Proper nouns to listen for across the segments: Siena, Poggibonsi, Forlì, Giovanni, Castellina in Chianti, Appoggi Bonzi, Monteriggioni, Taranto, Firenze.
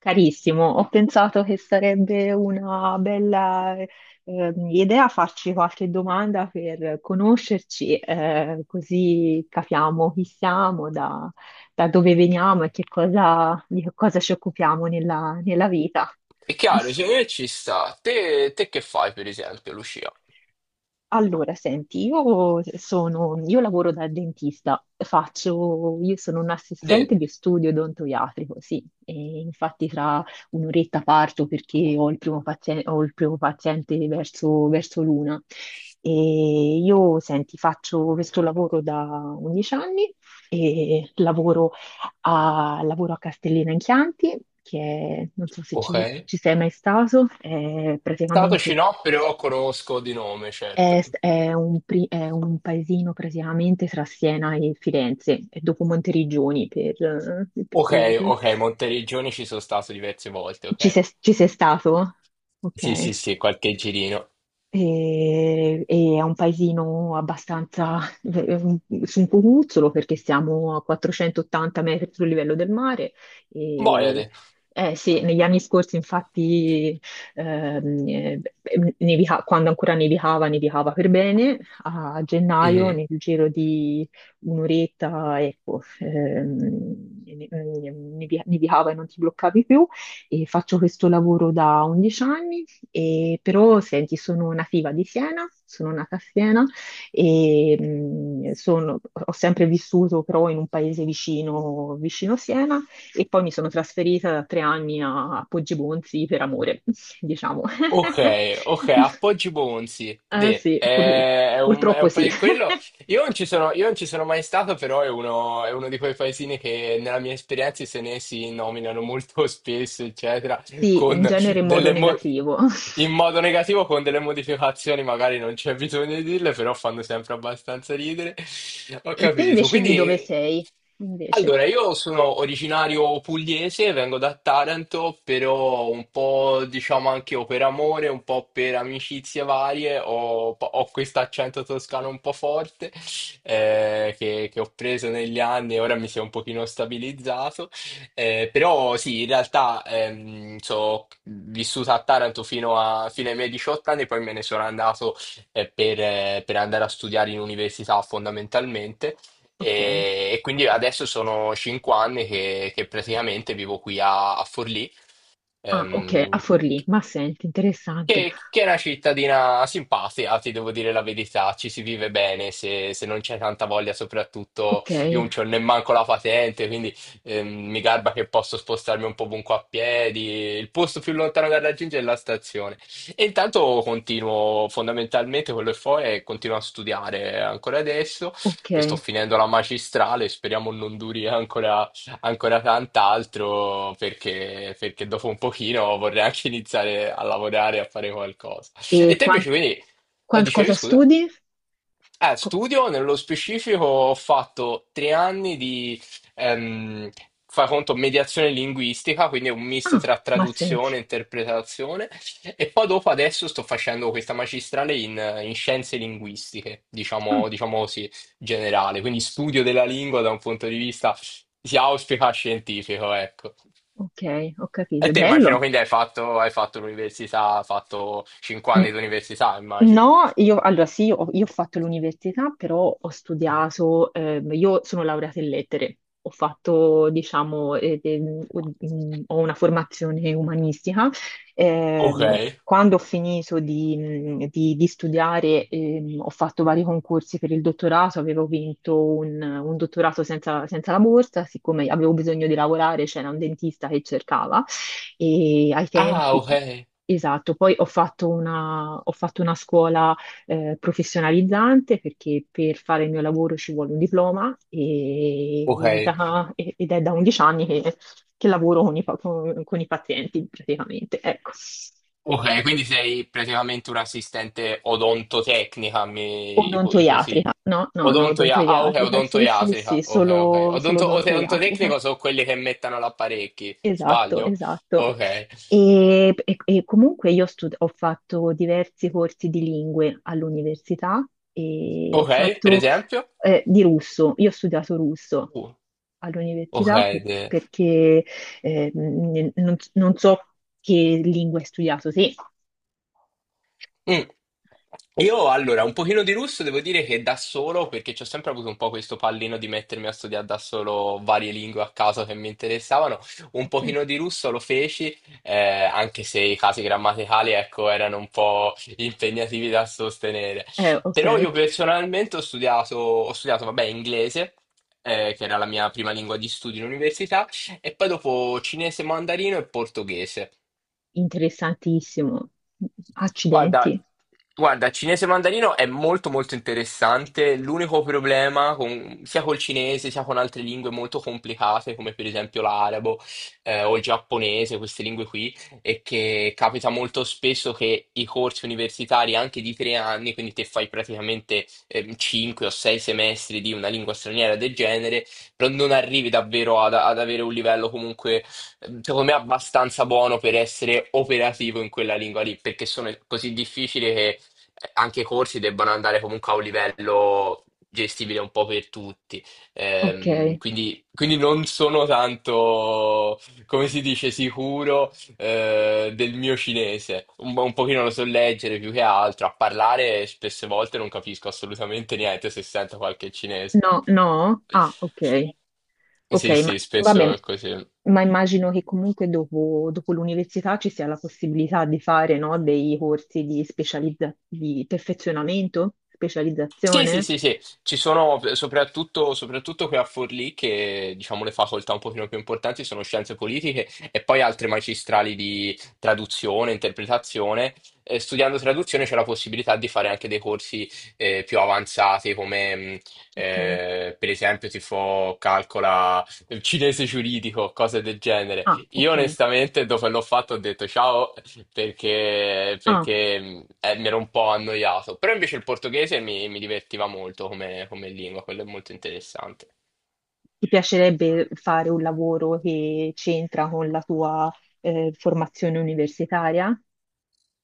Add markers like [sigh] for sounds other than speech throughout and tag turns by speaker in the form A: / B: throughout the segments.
A: Carissimo, ho pensato che sarebbe una bella idea farci qualche domanda per conoscerci, così capiamo chi siamo, da dove veniamo e che cosa, di che cosa ci occupiamo nella vita.
B: È chiaro, secondo me ci sta. Te che fai, per esempio, Lucia?
A: Allora, senti, io lavoro da dentista, io sono un
B: De,
A: assistente di studio odontoiatrico, sì, e infatti tra un'oretta parto perché ho il primo paziente, ho il primo paziente verso l'una. E io, senti, faccio questo lavoro da 11 anni e lavoro lavoro a Castellina in Chianti, che è, non so se
B: ok.
A: ci, ci sei mai stato, è praticamente
B: Statoci no, però conosco di nome,
A: è,
B: certo.
A: è un paesino praticamente tra Siena e Firenze, e dopo Monteriggioni per-
B: Ok, ok, Monteriggioni ci sono stato diverse volte,
A: ci
B: ok.
A: sei, ci sei stato? Ok.
B: Sì, sì, sì, qualche girino.
A: E è un paesino abbastanza [laughs] su un cucuzzolo perché siamo a 480 metri sul livello del mare. E,
B: Boiade.
A: eh sì, negli anni scorsi infatti ehm, eh, nevica- quando ancora nevicava, nevicava per bene. A gennaio,
B: Mhm.
A: nel giro di un'oretta, ecco, nevicava e non ti bloccavi più. E faccio questo lavoro da 11 anni e però senti, sono nativa di Siena, sono nata a Siena e ho sempre vissuto però in un paese vicino, vicino Siena e poi mi sono trasferita da 3 anni a Poggibonsi per amore, [laughs] diciamo.
B: Ok, ok,
A: [laughs]
B: Appoggi Bonzi.
A: Eh sì,
B: È, è un, è
A: purtroppo
B: un
A: sì.
B: paese quello.
A: [laughs]
B: Io non ci sono, io non ci sono mai stato, però è uno di quei paesini che nella mia esperienza i senesi nominano molto [laughs] spesso, eccetera,
A: Sì, in
B: con
A: genere in modo
B: delle mo-
A: negativo.
B: in
A: [laughs]
B: modo negativo, con delle modificazioni, magari non c'è bisogno di dirle, però fanno sempre abbastanza ridere. Ho
A: E te
B: capito.
A: invece di dove
B: Quindi,
A: sei? Invece,
B: allora, io sono originario pugliese, vengo da Taranto, però un po', diciamo, anche o per amore, un po' per amicizie varie, ho questo accento toscano un po' forte, che ho preso negli anni e ora mi si è un pochino stabilizzato. Però sì, in realtà vissuta a Taranto fino ai miei 18 anni, poi me ne sono andato per andare a studiare in università fondamentalmente.
A: ok.
B: E quindi adesso sono 5 anni che praticamente vivo qui a Forlì.
A: Ah, ok, a
B: Ehm,
A: Forlì. Ma senti, interessante.
B: che è una cittadina simpatica, ti devo dire la verità, ci si vive bene se non c'è tanta voglia, soprattutto
A: Ok,
B: io non c'ho nemmanco la patente, quindi mi garba che posso spostarmi un po' ovunque a piedi, il posto più lontano da raggiungere è la stazione. E intanto continuo fondamentalmente quello che fo è continuo a studiare ancora adesso, sto
A: ok.
B: finendo la magistrale, speriamo non duri ancora tant'altro, perché dopo un pochino vorrei anche iniziare a lavorare, a fare qualcosa.
A: E
B: E te
A: quanto?
B: invece, quindi, dicevi
A: Cosa
B: scusa?
A: studi? Co-
B: Studio, nello specifico ho fatto 3 anni di, ehm, fai conto, mediazione linguistica, quindi è un misto
A: ah,
B: tra
A: ma senti.
B: traduzione e interpretazione, e poi dopo adesso sto facendo questa magistrale in scienze linguistiche,
A: Ah,
B: diciamo così, generale, quindi studio della lingua da un punto di vista, si auspica, scientifico, ecco.
A: ok, ho
B: E
A: capito.
B: te immagino,
A: Bello.
B: quindi hai fatto l'università, hai fatto cinque
A: Mm.
B: anni di università, immagino.
A: No, io allora sì, io ho fatto l'università, però ho studiato, io sono laureata in lettere, ho fatto, diciamo, ho una formazione umanistica.
B: Ok.
A: Quando ho finito di studiare, ho fatto vari concorsi per il dottorato, avevo vinto un dottorato senza la borsa, siccome avevo bisogno di lavorare, c'era un dentista che cercava. E ai
B: Ah,
A: tempi,
B: ok,
A: esatto, poi ho fatto ho fatto una scuola professionalizzante perché per fare il mio lavoro ci vuole un diploma
B: ok,
A: e ed è da 11 anni che lavoro con con i pazienti praticamente, ecco.
B: ok, quindi sei praticamente un'assistente odontotecnica, mi ipo- iposi-
A: Odontoiatrica, no, no, no,
B: Odontoia- ah, ok,
A: odontoiatrica, sì, sì, sì,
B: odontoiatrica, ok, ok.
A: solo, solo
B: Odonto-
A: odontoiatrica.
B: odontotecnico sono quelli che mettono l'apparecchi,
A: Esatto,
B: sbaglio?
A: esatto.
B: Ok,
A: E, e comunque ho fatto diversi corsi di lingue all'università e ho
B: ok, per
A: fatto
B: esempio?
A: di russo. Io ho studiato russo
B: Uh, ok,
A: all'università perché non so che lingua hai studiato. Sì,
B: Mm. Io allora, un pochino di russo devo dire che da solo, perché ci ho sempre avuto un po' questo pallino di mettermi a studiare da solo varie lingue a caso che mi interessavano, un
A: ok,
B: pochino di russo lo feci, anche se i casi grammaticali, ecco, erano un po' impegnativi da sostenere.
A: eh, ok,
B: Però io personalmente ho studiato, vabbè, inglese, che era la mia prima lingua di studio in università, e poi dopo cinese, mandarino e portoghese.
A: interessantissimo.
B: Guarda,
A: Accidenti,
B: guarda, cinese mandarino è molto molto interessante. L'unico problema sia col cinese sia con altre lingue molto complicate, come per esempio l'arabo o il giapponese, queste lingue qui, è che capita molto spesso che i corsi universitari anche di 3 anni, quindi te fai praticamente 5 o 6 semestri di una lingua straniera del genere, però non arrivi davvero ad avere un livello comunque. Secondo me è abbastanza buono per essere operativo in quella lingua lì, perché sono così difficili che, anche i corsi debbano andare comunque a un livello gestibile un po' per tutti. Ehm,
A: ok.
B: quindi, quindi non sono tanto, come si dice, sicuro, del mio cinese. Un pochino lo so leggere più che altro, a parlare spesse volte non capisco assolutamente niente se sento qualche cinese.
A: No, no, ah, ok. Ok,
B: Sì,
A: ma
B: sì, spesso
A: vabbè,
B: è così.
A: ma immagino che comunque dopo, dopo l'università ci sia la possibilità di fare, no, dei corsi di di perfezionamento,
B: Sì, sì,
A: specializzazione.
B: sì, sì, ci sono soprattutto qui a Forlì, che diciamo le facoltà un pochino più importanti sono scienze politiche e poi altre magistrali di traduzione, interpretazione. Studiando traduzione c'è la possibilità di fare anche dei corsi, più avanzati come
A: Ok.
B: per esempio tipo calcola il cinese giuridico, cose del genere.
A: Ah,
B: Io
A: ok.
B: onestamente dopo che l'ho fatto ho detto ciao, perché,
A: Ah,
B: perché, mh, eh, mi ero un po' annoiato. Però invece il portoghese mi divertiva molto come, come lingua, quello è molto interessante.
A: ti piacerebbe fare un lavoro che c'entra con la tua formazione universitaria?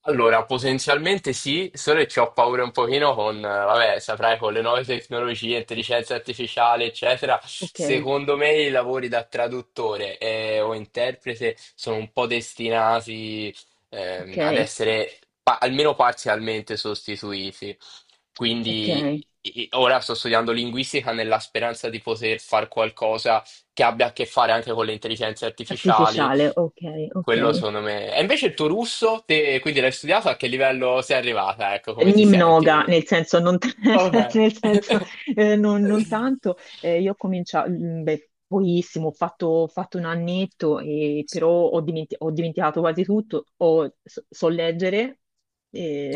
B: Allora, potenzialmente sì, solo che ci ho paura un pochino vabbè, saprai, con le nuove tecnologie, intelligenza artificiale, eccetera.
A: Ok,
B: Secondo me i lavori da traduttore, o interprete sono un po' destinati, ad
A: ok,
B: essere almeno parzialmente sostituiti.
A: ok.
B: Quindi ora sto studiando linguistica nella speranza di poter fare qualcosa che abbia a che fare anche con le intelligenze artificiali,
A: Artificiale, ok, ok.
B: quello secondo me. E invece il tuo russo, te, quindi l'hai studiato, a che livello sei arrivata? Ecco, come ti
A: Nimnoga,
B: senti?
A: nel senso, non, t- [laughs]
B: Ok.
A: nel senso,
B: [laughs]
A: non tanto. Io ho cominciato, beh, pochissimo, ho fatto un annetto, però ho, ho dimenticato quasi tutto. So, so leggere,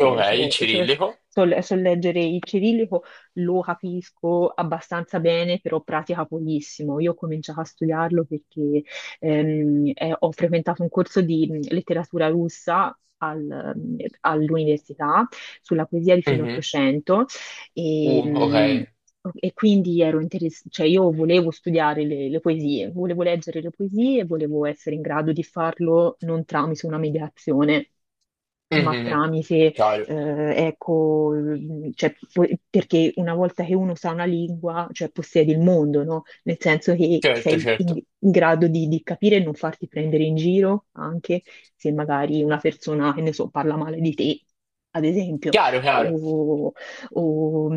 B: Ok, il
A: so, so-
B: cirillico.
A: so so leggere il cirillico, lo capisco abbastanza bene, però pratica pochissimo. Io ho cominciato a studiarlo perché ho frequentato un corso di letteratura russa all'università sulla poesia di fine
B: Mhm.
A: Ottocento e,
B: Ok.
A: mh, e quindi ero cioè io volevo studiare le poesie, volevo leggere le poesie e volevo essere in grado di farlo non tramite una mediazione ma
B: Mhm.
A: tramite,
B: Chiaro.
A: eh, ecco, cioè, perché una volta che uno sa una lingua, cioè possiedi il mondo, no? Nel senso che
B: Certo,
A: sei
B: certo.
A: in grado di capire e non farti prendere in giro anche, se magari una persona, che ne so, parla male di te, ad esempio,
B: Chiaro, chiaro.
A: o, o-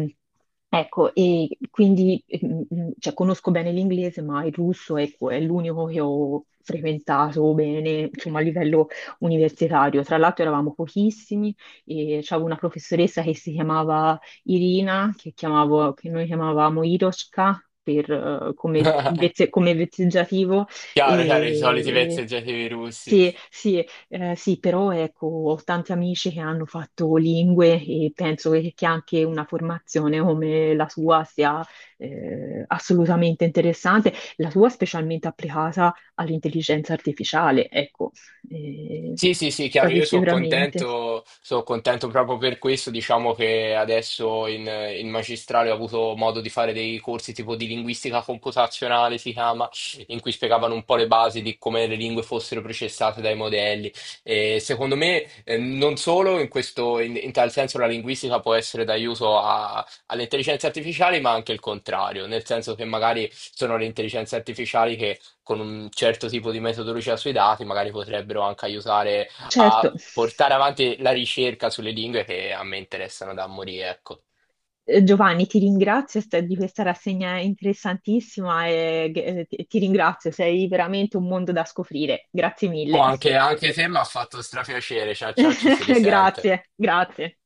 A: ecco, e quindi mm, cioè, conosco bene l'inglese, ma il russo ecco, è l'unico che ho frequentato bene, insomma, a livello universitario. Tra l'altro eravamo pochissimi e c'avevo una professoressa che si chiamava Irina, che noi chiamavamo Iroshka per, come,
B: [laughs]
A: come vezzeggiativo,
B: Chiaro, chiaro, i soliti
A: e...
B: vezzeggiativi russi.
A: Sì, sì, sì, però ecco, ho tanti amici che hanno fatto lingue e penso che anche una formazione come la sua sia assolutamente interessante, la sua specialmente applicata all'intelligenza artificiale, ecco, eh,
B: Sì, sì, sì, chiaro,
A: quasi
B: io
A: sicuramente.
B: sono contento proprio per questo, diciamo che adesso in, magistrale ho avuto modo di fare dei corsi tipo di linguistica computazionale, si chiama, in cui spiegavano un po' le basi di come le lingue fossero processate dai modelli. E secondo me, non solo in questo, in tal senso la linguistica può essere d'aiuto alle intelligenze artificiali, ma anche il contrario, nel senso che magari sono le intelligenze artificiali con un certo tipo di metodologia sui dati, magari potrebbero anche aiutare a
A: Certo,
B: portare avanti la ricerca sulle lingue che a me interessano da morire, ecco.
A: eh, Giovanni, ti ringrazio di questa rassegna interessantissima e ti ringrazio, sei veramente un mondo da scoprire. Grazie
B: O
A: mille.
B: anche te mi ha fatto strapiacere. Ciao, ciao, ci si
A: [laughs]
B: risente.
A: Grazie, grazie.